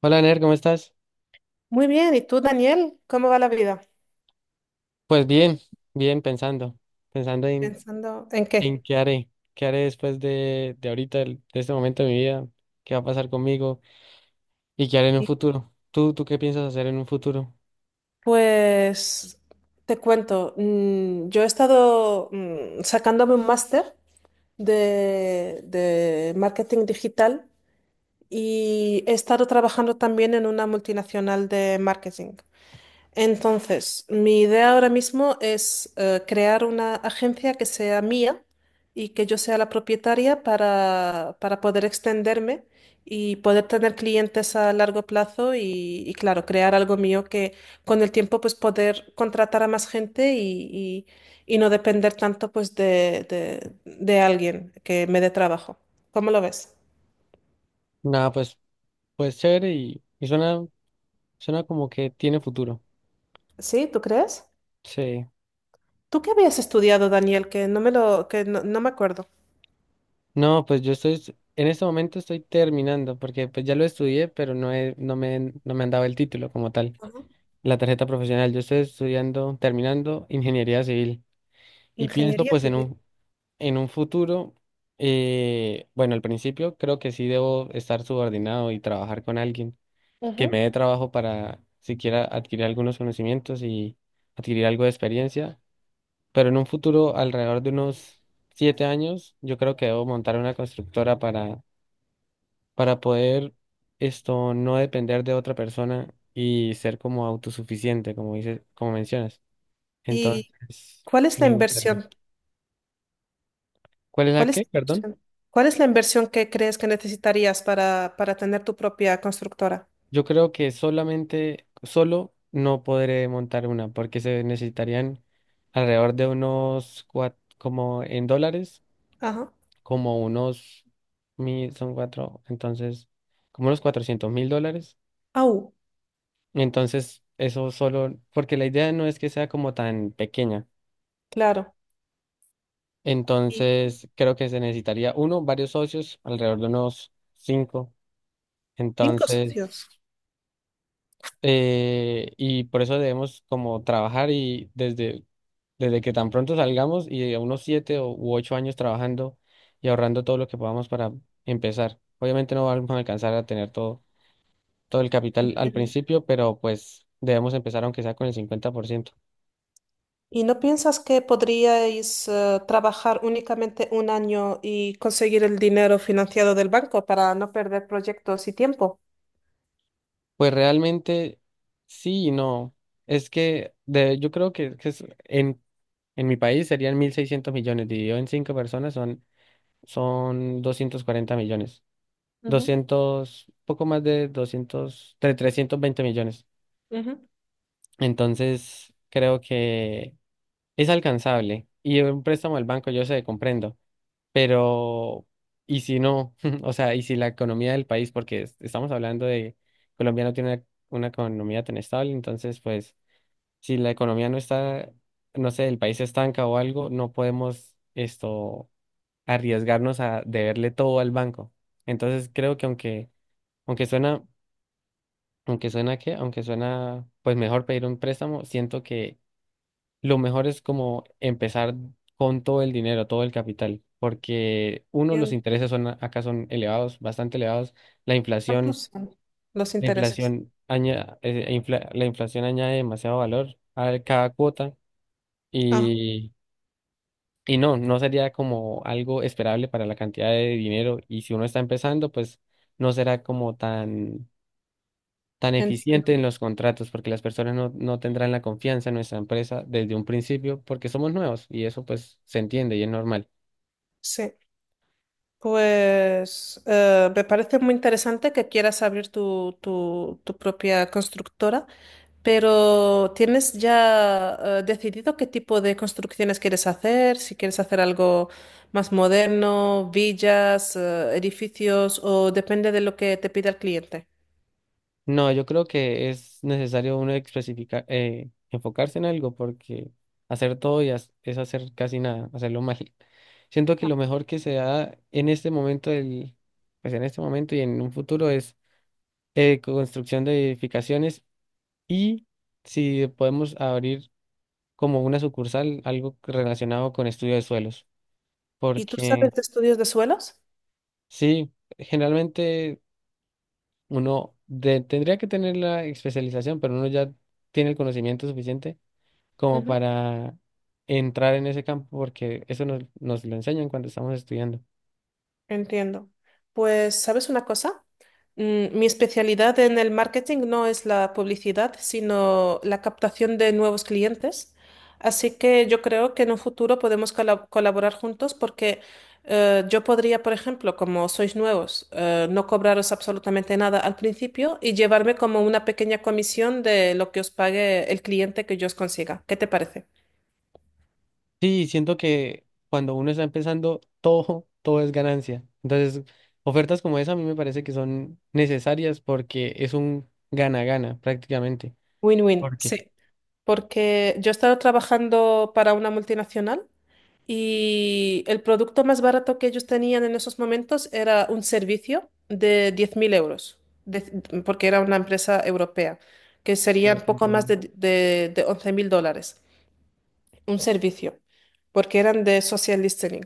Hola, Ner, ¿cómo estás? Muy bien, ¿y tú, Daniel? ¿Cómo va la vida? Pues bien, bien, pensando en, Pensando en qué. en qué haré después de ahorita, de este momento de mi vida, qué va a pasar conmigo y qué haré en un futuro. ¿Tú qué piensas hacer en un futuro? Pues te cuento, yo he estado sacándome un máster de marketing digital y he estado trabajando también en una multinacional de marketing. Entonces, mi idea ahora mismo es crear una agencia que sea mía y que yo sea la propietaria para poder extenderme y poder tener clientes a largo plazo claro, crear algo mío que con el tiempo pues poder contratar a más gente y no depender tanto pues de alguien que me dé trabajo. ¿Cómo lo ves? Nada, pues, pues chévere y suena, suena como que tiene futuro. ¿Sí? ¿Tú crees? Sí. ¿Tú qué habías estudiado, Daniel? Que no me acuerdo. No, pues yo estoy, en este momento estoy terminando porque pues ya lo estudié, pero no me han dado el título como tal, la tarjeta profesional. Yo estoy estudiando, terminando ingeniería civil. Y pienso Ingeniería pues en civil. un, en un futuro, bueno, al principio creo que sí debo estar subordinado y trabajar con alguien que me Ujú. dé trabajo para siquiera adquirir algunos conocimientos y adquirir algo de experiencia, pero en un futuro, alrededor de unos 7 años, yo creo que debo montar una constructora para poder esto no depender de otra persona y ser como autosuficiente, como dices, como mencionas. ¿Y Entonces, cuál es la me gustaría. inversión? ¿Cuál es la ¿Cuál es la qué? Perdón. inversión? ¿Cuál es la inversión que crees que necesitarías para tener tu propia constructora? Yo creo que solamente, solo no podré montar una, porque se necesitarían alrededor de unos, como en dólares, Ajá. como unos mil, son cuatro, entonces, como unos 400.000 dólares. Au, Entonces, eso solo, porque la idea no es que sea como tan pequeña. claro. Y Entonces, creo que se necesitaría uno, varios socios, alrededor de unos cinco. cinco Entonces, socios. Y por eso debemos como trabajar y desde que tan pronto salgamos y a unos 7 u 8 años trabajando y ahorrando todo lo que podamos para empezar. Obviamente no vamos a alcanzar a tener todo, todo el capital al Entiendo. principio, pero pues debemos empezar aunque sea con el 50%. ¿Y no piensas que podríais trabajar únicamente un año y conseguir el dinero financiado del banco para no perder proyectos y tiempo? Pues realmente sí y no. Es que de, yo creo que en mi país serían 1.600 millones, dividido en cinco personas son, son 240 millones, Ujú, doscientos, poco más de doscientos, de 320 millones. ujú. Entonces, creo que es alcanzable. Y un préstamo del banco, yo sé, comprendo. Pero, ¿y si no? O sea, ¿y si la economía del país, porque estamos hablando de Colombia, no tiene una economía tan estable? Entonces, pues, si la economía no está, no sé, el país se estanca o algo, no podemos esto arriesgarnos a deberle todo al banco. Entonces, creo que aunque... Aunque suena aunque suena, pues mejor pedir un préstamo, siento que lo mejor es como empezar con todo el dinero, todo el capital, porque uno, los Entiendo. intereses son, acá son elevados, bastante elevados, la inflación, ¿Cuántos son los intereses? La inflación añade demasiado valor a cada cuota Ah, y, y no, no sería como algo esperable para la cantidad de dinero, y si uno está empezando, pues no será como tan tan entiendo. eficiente en los contratos, porque las personas no, no tendrán la confianza en nuestra empresa desde un principio, porque somos nuevos y eso pues se entiende y es normal. Sí. Pues me parece muy interesante que quieras abrir tu propia constructora, pero ¿tienes ya decidido qué tipo de construcciones quieres hacer? Si quieres hacer algo más moderno, villas, edificios, o depende de lo que te pida el cliente. No, yo creo que es necesario uno especificar, enfocarse en algo, porque hacer todo y es hacer casi nada, hacerlo mal. Siento que lo mejor que se da en este momento del, pues en este momento y en un futuro es construcción de edificaciones, y si podemos abrir como una sucursal algo relacionado con estudio de suelos. ¿Y tú Porque sabes de estudios de suelos? sí, generalmente tendría que tener la especialización, pero uno ya tiene el conocimiento suficiente como para entrar en ese campo, porque eso nos, nos lo enseñan cuando estamos estudiando. Entiendo. Pues, ¿sabes una cosa? Mi especialidad en el marketing no es la publicidad, sino la captación de nuevos clientes. Así que yo creo que en un futuro podemos colaborar juntos porque yo podría, por ejemplo, como sois nuevos, no cobraros absolutamente nada al principio y llevarme como una pequeña comisión de lo que os pague el cliente que yo os consiga. ¿Qué te parece? Sí, siento que cuando uno está empezando, todo, todo es ganancia. Entonces, ofertas como esa a mí me parece que son necesarias porque es un gana-gana prácticamente. Win-win. ¿Por qué? Sí. Porque yo he estado trabajando para una multinacional y el producto más barato que ellos tenían en esos momentos era un servicio de 10.000 euros, de- porque era una empresa europea, que Sí, serían poco más comprendo. de 11.000 dólares, un servicio, porque eran de social listening.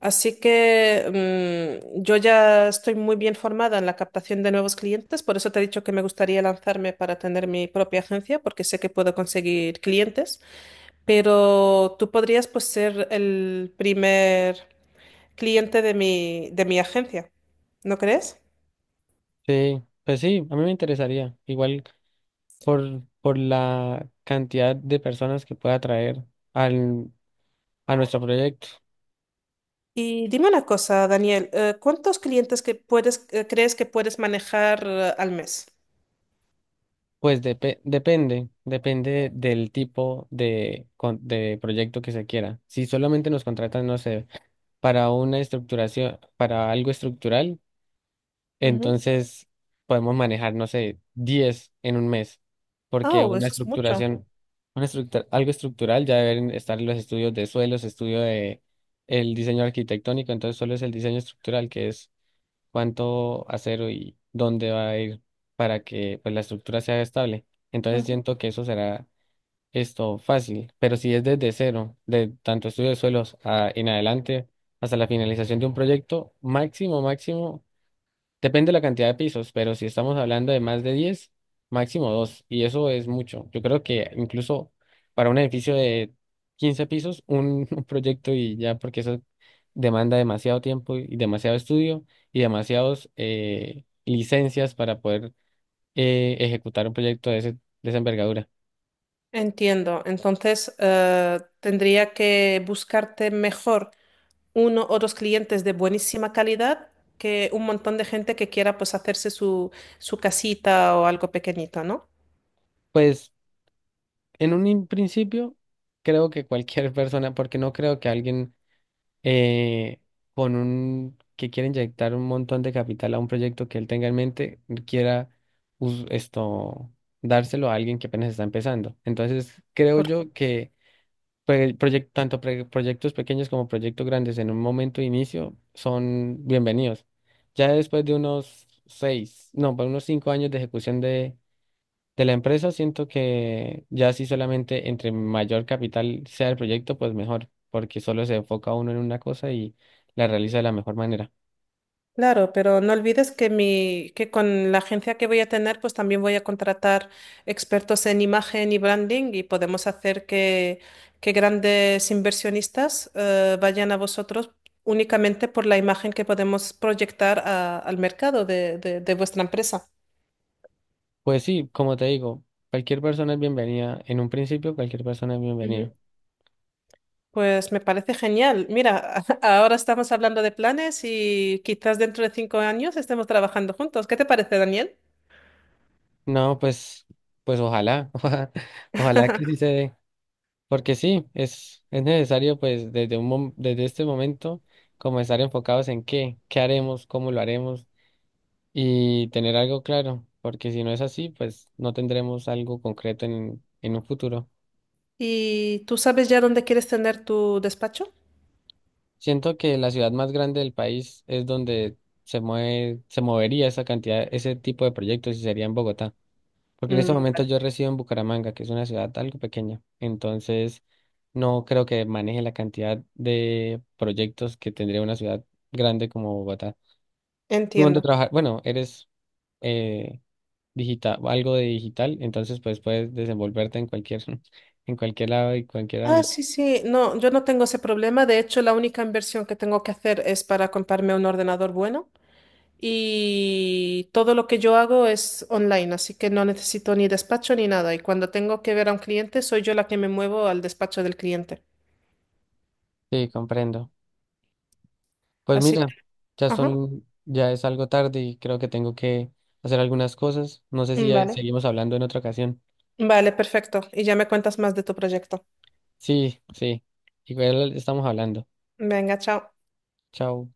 Así que yo ya estoy muy bien formada en la captación de nuevos clientes, por eso te he dicho que me gustaría lanzarme para tener mi propia agencia, porque sé que puedo conseguir clientes, pero tú podrías pues ser el primer cliente de mi agencia, ¿no crees? Sí, pues sí, a mí me interesaría. Igual, por la cantidad de personas que pueda atraer al, a nuestro proyecto. Y dime una cosa, Daniel, ¿cuántos clientes crees que puedes manejar al mes? Pues depende del tipo de proyecto que se quiera. Si solamente nos contratan, no sé, para una estructuración, para algo estructural, Ujú. entonces podemos manejar, no sé, 10 en un mes, porque Oh, una eso es mucho. estructuración, una estructura, algo estructural, ya deben estar los estudios de suelos, estudio de el diseño arquitectónico, entonces solo es el diseño estructural, que es cuánto acero y dónde va a ir para que pues, la estructura sea estable. Entonces Ujú. siento que eso será esto fácil, pero si es desde cero, de tanto estudio de suelos en adelante hasta la finalización de un proyecto, máximo, máximo. Depende de la cantidad de pisos, pero si estamos hablando de más de 10, máximo 2, y eso es mucho. Yo creo que incluso para un edificio de 15 pisos, un, un proyecto y ya, porque eso demanda demasiado tiempo y demasiado estudio y demasiadas licencias para poder ejecutar un proyecto de, ese, de esa envergadura. Entiendo. Entonces, tendría que buscarte mejor uno o dos clientes de buenísima calidad que un montón de gente que quiera pues hacerse su casita o algo pequeñito, ¿no? Pues en un principio, creo que cualquier persona, porque no creo que alguien eh, con un que quiere inyectar un montón de capital a un proyecto que él tenga en mente, quiera esto dárselo a alguien que apenas está empezando. Entonces, creo yo que tanto proyectos pequeños como proyectos grandes en un momento de inicio son bienvenidos. Ya después de unos seis, no, para unos 5 años de ejecución de la empresa, siento que ya sí, solamente entre mayor capital sea el proyecto, pues mejor, porque solo se enfoca uno en una cosa y la realiza de la mejor manera. Claro, pero no olvides que con la agencia que voy a tener, pues también voy a contratar expertos en imagen y branding y podemos hacer que grandes inversionistas vayan a vosotros únicamente por la imagen que podemos proyectar al mercado de vuestra empresa. Pues sí, como te digo, cualquier persona es bienvenida. En un principio, cualquier persona es Ujú. bienvenida. Pues me parece genial. Mira, ahora estamos hablando de planes y quizás dentro de 5 años estemos trabajando juntos. ¿Qué te parece, Daniel? No, pues, pues ojalá, ojalá, ojalá que sí se dé, porque sí, es necesario pues desde un desde este momento comenzar enfocados en qué, qué haremos, cómo lo haremos, y tener algo claro, porque si no es así, pues no tendremos algo concreto en un futuro. ¿Y tú sabes ya dónde quieres tener tu despacho? Siento que la ciudad más grande del país es donde se mueve, se movería esa cantidad, ese tipo de proyectos, y sería en Bogotá, porque en este Mm, momento yo resido en Bucaramanga, que es una ciudad algo pequeña, entonces no creo que maneje la cantidad de proyectos que tendría una ciudad grande como Bogotá. ¿Tú dónde entiendo. trabajas? Bueno, eres eh, digital, algo de digital, entonces pues puedes desenvolverte en cualquier, en cualquier lado y cualquier Ah, ámbito. sí, sí, no, yo no tengo ese problema. De hecho, la única inversión que tengo que hacer es para comprarme un ordenador bueno y todo lo que yo hago es online, así que no necesito ni despacho ni nada. Y cuando tengo que ver a un cliente, soy yo la que me muevo al despacho del cliente. Sí, comprendo. Pues Así que, mira, ya ajá, son, ya es algo tarde y creo que tengo que hacer algunas cosas. No sé si ya vale. seguimos hablando en otra ocasión. Vale, perfecto. Y ya me cuentas más de tu proyecto. Sí, sí. Igual estamos hablando. Venga, chao. Chao.